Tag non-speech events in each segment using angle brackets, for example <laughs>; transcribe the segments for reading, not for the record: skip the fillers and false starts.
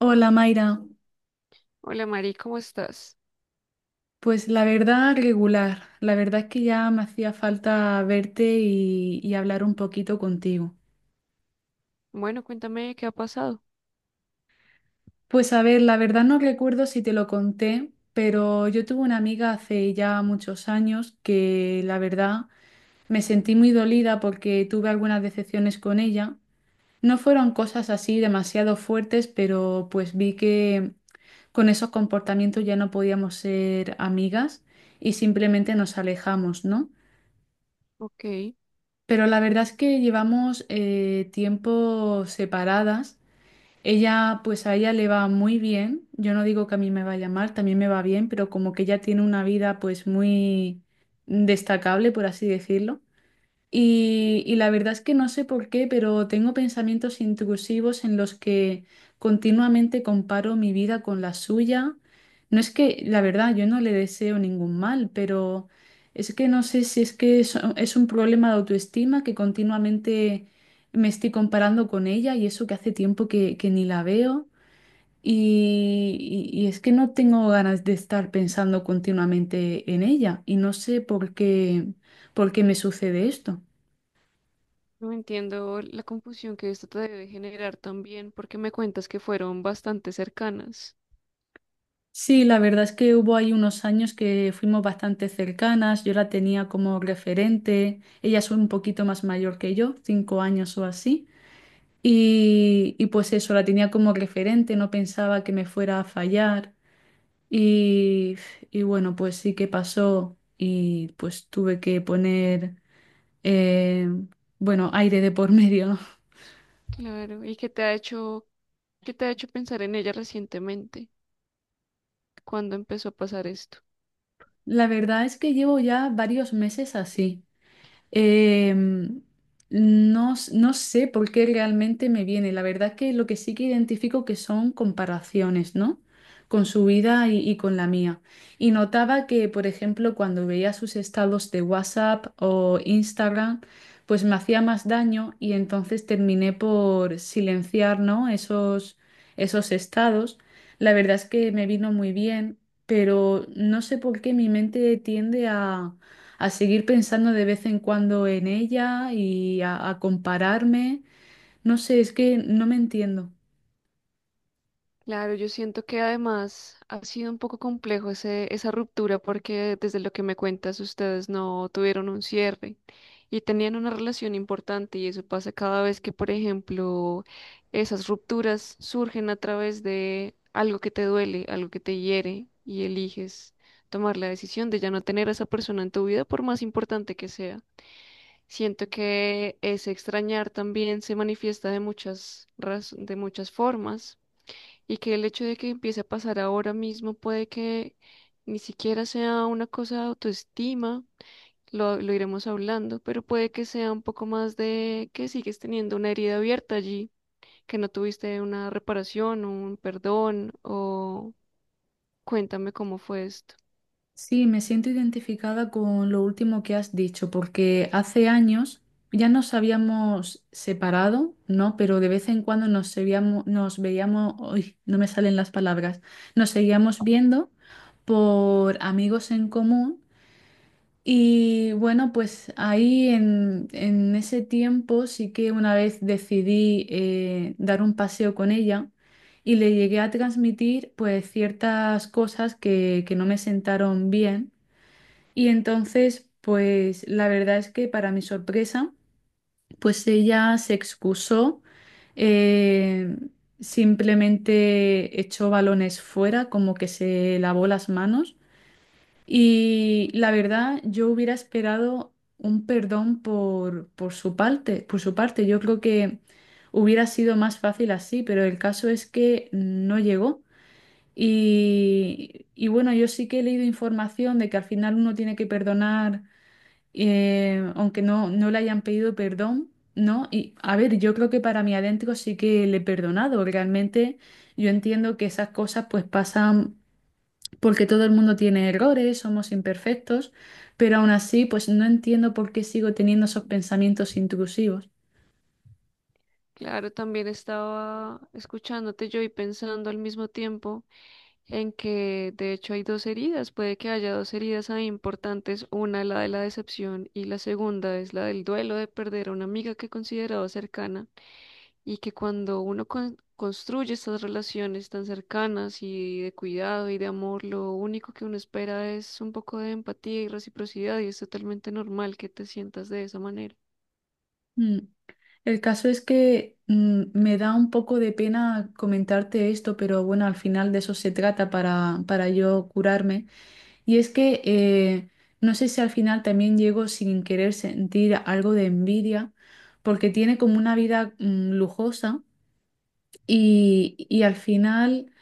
Hola Mayra, Hola Mari, ¿cómo estás? pues la verdad regular, la verdad es que ya me hacía falta verte y hablar un poquito contigo. Bueno, cuéntame qué ha pasado. Pues a ver, la verdad no recuerdo si te lo conté, pero yo tuve una amiga hace ya muchos años que la verdad me sentí muy dolida porque tuve algunas decepciones con ella. No fueron cosas así demasiado fuertes, pero pues vi que con esos comportamientos ya no podíamos ser amigas y simplemente nos alejamos, ¿no? Ok, Pero la verdad es que llevamos tiempo separadas. Ella, pues a ella le va muy bien. Yo no digo que a mí me vaya mal, también me va bien, pero como que ella tiene una vida pues muy destacable, por así decirlo. Y la verdad es que no sé por qué, pero tengo pensamientos intrusivos en los que continuamente comparo mi vida con la suya. No es que, la verdad, yo no le deseo ningún mal, pero es que no sé si es que es un problema de autoestima que continuamente me estoy comparando con ella y eso que hace tiempo que ni la veo. Y es que no tengo ganas de estar pensando continuamente en ella y no sé por qué me sucede esto. no entiendo la confusión que esto te debe generar también, porque me cuentas que fueron bastante cercanas. Sí, la verdad es que hubo ahí unos años que fuimos bastante cercanas, yo la tenía como referente, ella es un poquito más mayor que yo, 5 años o así, y pues eso, la tenía como referente, no pensaba que me fuera a fallar, y, y bueno, pues sí que pasó y pues tuve que poner, eh, bueno, aire de por <laughs> medio, ¿no? Claro, ¿qué te ha hecho pensar en ella recientemente? ¿Cuándo empezó a pasar esto? La verdad es que llevo ya varios meses así. Em, no, no sé por qué realmente me viene. La verdad que lo que sí que identifico que son comparaciones, ¿no? Con su vida y con la mía. Y notaba que, por ejemplo, cuando veía sus estados de WhatsApp o Instagram, pues me hacía más daño y entonces terminé por silenciar, ¿no? Esos, esos estados. La verdad es que me vino muy bien, pero no sé por qué mi mente tiende a seguir pensando de vez en cuando en ella y a compararme. No sé, es que no me entiendo. Claro, yo siento que además ha sido un poco complejo esa ruptura porque desde lo que me cuentas ustedes no tuvieron un cierre y tenían una relación importante y eso pasa cada vez que, por ejemplo, esas rupturas surgen a través de algo que te duele, algo que te hiere y eliges tomar la decisión de ya no tener a esa persona en tu vida por más importante que sea. Siento que ese extrañar también se manifiesta de de muchas formas y que el hecho de que empiece a pasar ahora mismo puede que ni siquiera sea una cosa de autoestima, lo iremos hablando, pero puede que sea un poco más de que sigues teniendo una herida abierta allí, que no tuviste una reparación, un perdón, o cuéntame cómo fue esto. Sí, me siento identificada con lo último que has dicho, porque hace años ya nos habíamos separado, ¿no? Pero de vez en cuando nos veíamos, uy, no me salen las palabras, nos seguíamos viendo por amigos en común. Y bueno, pues ahí en ese tiempo sí que una vez decidí dar un paseo con ella y le llegué a transmitir pues ciertas cosas que no me sentaron bien. Y entonces pues la verdad es que para mi sorpresa pues ella se excusó, eh, simplemente echó balones fuera, como que se lavó las manos. Y la verdad, yo hubiera esperado un perdón por su parte, por su parte. Yo creo que hubiera sido más fácil así, pero el caso es que no llegó. Y bueno, yo sí que he leído información de que al final uno tiene que perdonar, aunque no le hayan pedido perdón, ¿no? Y a ver, yo creo que para mí adentro sí que le he perdonado. Realmente yo entiendo que esas cosas pues pasan porque todo el mundo tiene errores, somos imperfectos, pero aún así, pues no entiendo por qué sigo teniendo esos pensamientos intrusivos. Claro, también estaba escuchándote yo y pensando al mismo tiempo en que de hecho hay dos heridas, puede que haya dos heridas ahí importantes, una la de la decepción y la segunda es la del duelo de perder a una amiga que consideraba cercana y que cuando uno construye estas relaciones tan cercanas y de cuidado y de amor, lo único que uno espera es un poco de empatía y reciprocidad y es totalmente normal que te sientas de esa manera. Mm. El caso es que me da un poco de pena comentarte esto, pero bueno, al final de eso se trata para yo curarme. Y es que no sé si al final también llego sin querer sentir algo de envidia, porque tiene como una vida lujosa. Y al final,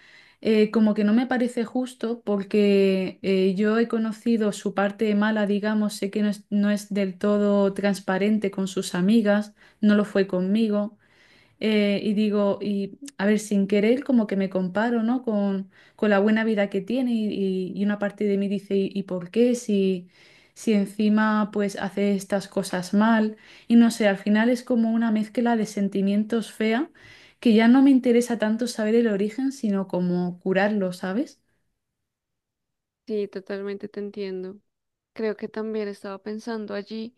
como que no me parece justo porque yo he conocido su parte mala, digamos, sé que no es, no es del todo transparente con sus amigas, no lo fue conmigo. Y digo, y a ver, sin querer, como que me comparo, ¿no? Con la buena vida que tiene y una parte de mí dice, y por qué? Si, si encima pues hace estas cosas mal. Y no sé, al final es como una mezcla de sentimientos fea que ya no me interesa tanto saber el origen, sino como curarlo, ¿sabes? Sí, totalmente te entiendo. Creo que también estaba pensando allí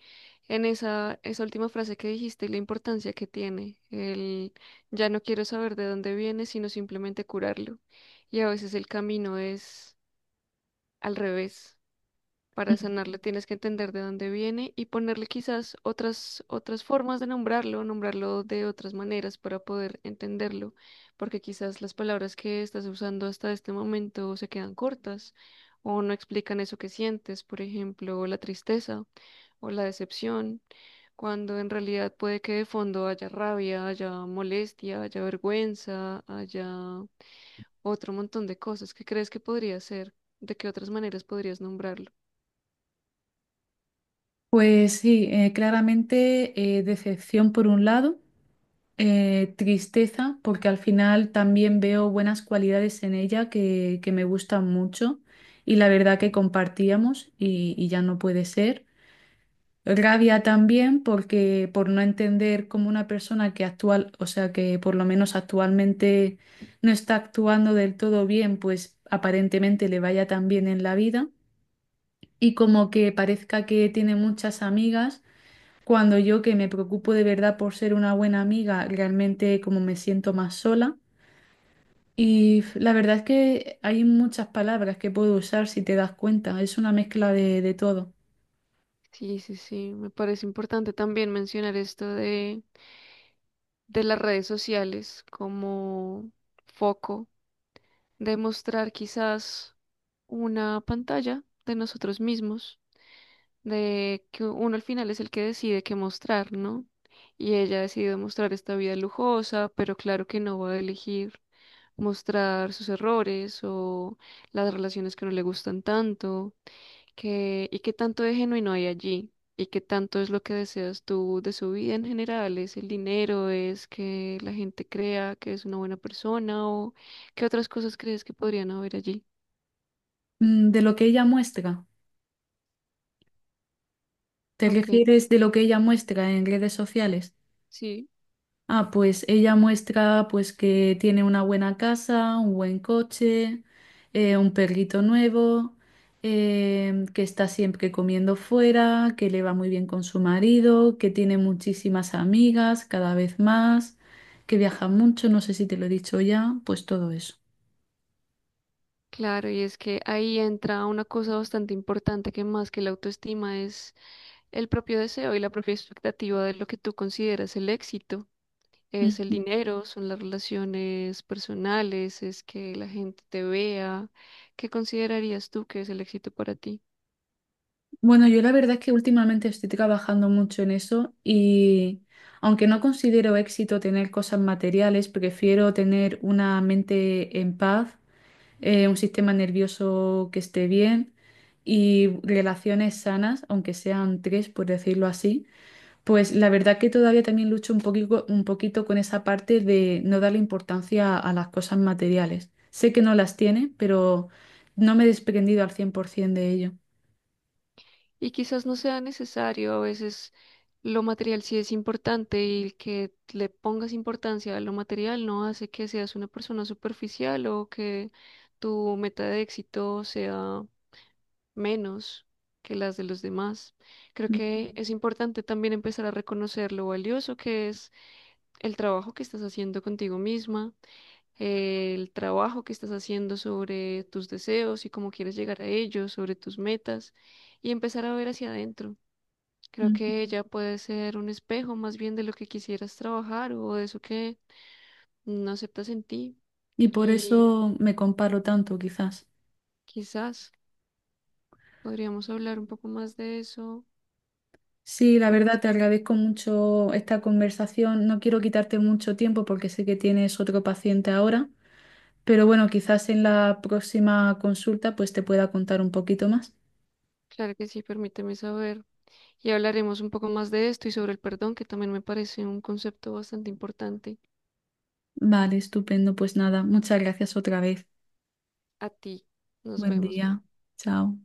en esa última frase que dijiste y la importancia que tiene. El ya no quiero saber de dónde viene, sino simplemente curarlo. Y a veces el camino es al revés. Para Mm. sanarlo tienes que entender de dónde viene y ponerle quizás otras formas de nombrarlo, nombrarlo de otras maneras para poder entenderlo, porque quizás las palabras que estás usando hasta este momento se quedan cortas o no explican eso que sientes, por ejemplo, la tristeza o la decepción, cuando en realidad puede que de fondo haya rabia, haya molestia, haya vergüenza, haya otro montón de cosas. ¿Qué crees que podría ser? ¿De qué otras maneras podrías nombrarlo? Pues sí, claramente decepción por un lado. Tristeza, porque al final también veo buenas cualidades en ella que me gustan mucho y la verdad que compartíamos y ya no puede ser. Rabia también porque por no entender cómo una persona que actual, o sea que por lo menos actualmente no está actuando del todo bien, pues aparentemente le vaya tan bien en la vida y como que parezca que tiene muchas amigas cuando yo que me preocupo de verdad por ser una buena amiga, realmente como me siento más sola. Y la verdad es que hay muchas palabras que puedo usar si te das cuenta. Es una mezcla de todo. Sí, sí, sí, me parece importante también mencionar esto de las redes sociales como foco de mostrar quizás una pantalla de nosotros mismos, de que uno al final es el que decide qué mostrar, ¿no? Y ella ha decidido mostrar esta vida lujosa, pero claro que no va a elegir mostrar sus errores o las relaciones que no le gustan tanto y qué tanto de genuino hay allí, y qué tanto es lo que deseas tú de su vida en general, es el dinero, es que la gente crea que es una buena persona o qué otras cosas crees que podrían haber allí. Mm, de lo que ella muestra. ¿Te Ok, refieres de lo que ella muestra en redes sociales? sí, Ah, pues ella muestra pues que tiene una buena casa, un buen coche, un perrito nuevo, que está siempre comiendo fuera, que le va muy bien con su marido, que tiene muchísimas amigas, cada vez más, que viaja mucho, no sé si te lo he dicho ya, pues todo eso. claro, y es que ahí entra una cosa bastante importante que más que la autoestima es el propio deseo y la propia expectativa de lo que tú consideras el éxito. Es el Ujú. dinero, son las relaciones personales, es que la gente te vea. ¿Qué considerarías tú que es el éxito para ti? Bueno, yo la verdad es que últimamente estoy trabajando mucho en eso y aunque no considero éxito tener cosas materiales, prefiero tener una mente en paz, un sistema nervioso que esté bien y relaciones sanas, aunque sean 3, por decirlo así, pues la verdad que todavía también lucho un poquito con esa parte de no darle importancia a las cosas materiales. Sé que no las tiene, pero no me he desprendido al 100% de ello. Y quizás no sea necesario, a veces lo material sí es importante y que le pongas importancia a lo material no hace que seas una persona superficial o que tu meta de éxito sea menos que las de los demás. Creo Ujú. que es importante también empezar a reconocer lo valioso que es el trabajo que estás haciendo contigo misma, el trabajo que estás haciendo sobre tus deseos y cómo quieres llegar a ellos, sobre tus metas y empezar a ver hacia adentro. Creo Ujú. que ella puede ser un espejo más bien de lo que quisieras trabajar o de eso que no aceptas en ti, Y por y eso me comparo tanto, quizás. quizás podríamos hablar un poco más de eso. Sí, la verdad, Gracias. te agradezco mucho esta conversación. No quiero quitarte mucho tiempo porque sé que tienes otro paciente ahora. Pero bueno, quizás en la próxima consulta pues te pueda contar un poquito más. Claro que sí, permíteme saber. Y hablaremos un poco más de esto y sobre el perdón, que también me parece un concepto bastante importante. Vale, estupendo. Pues nada, muchas gracias otra vez. A ti, nos Buen vemos. día. Chao.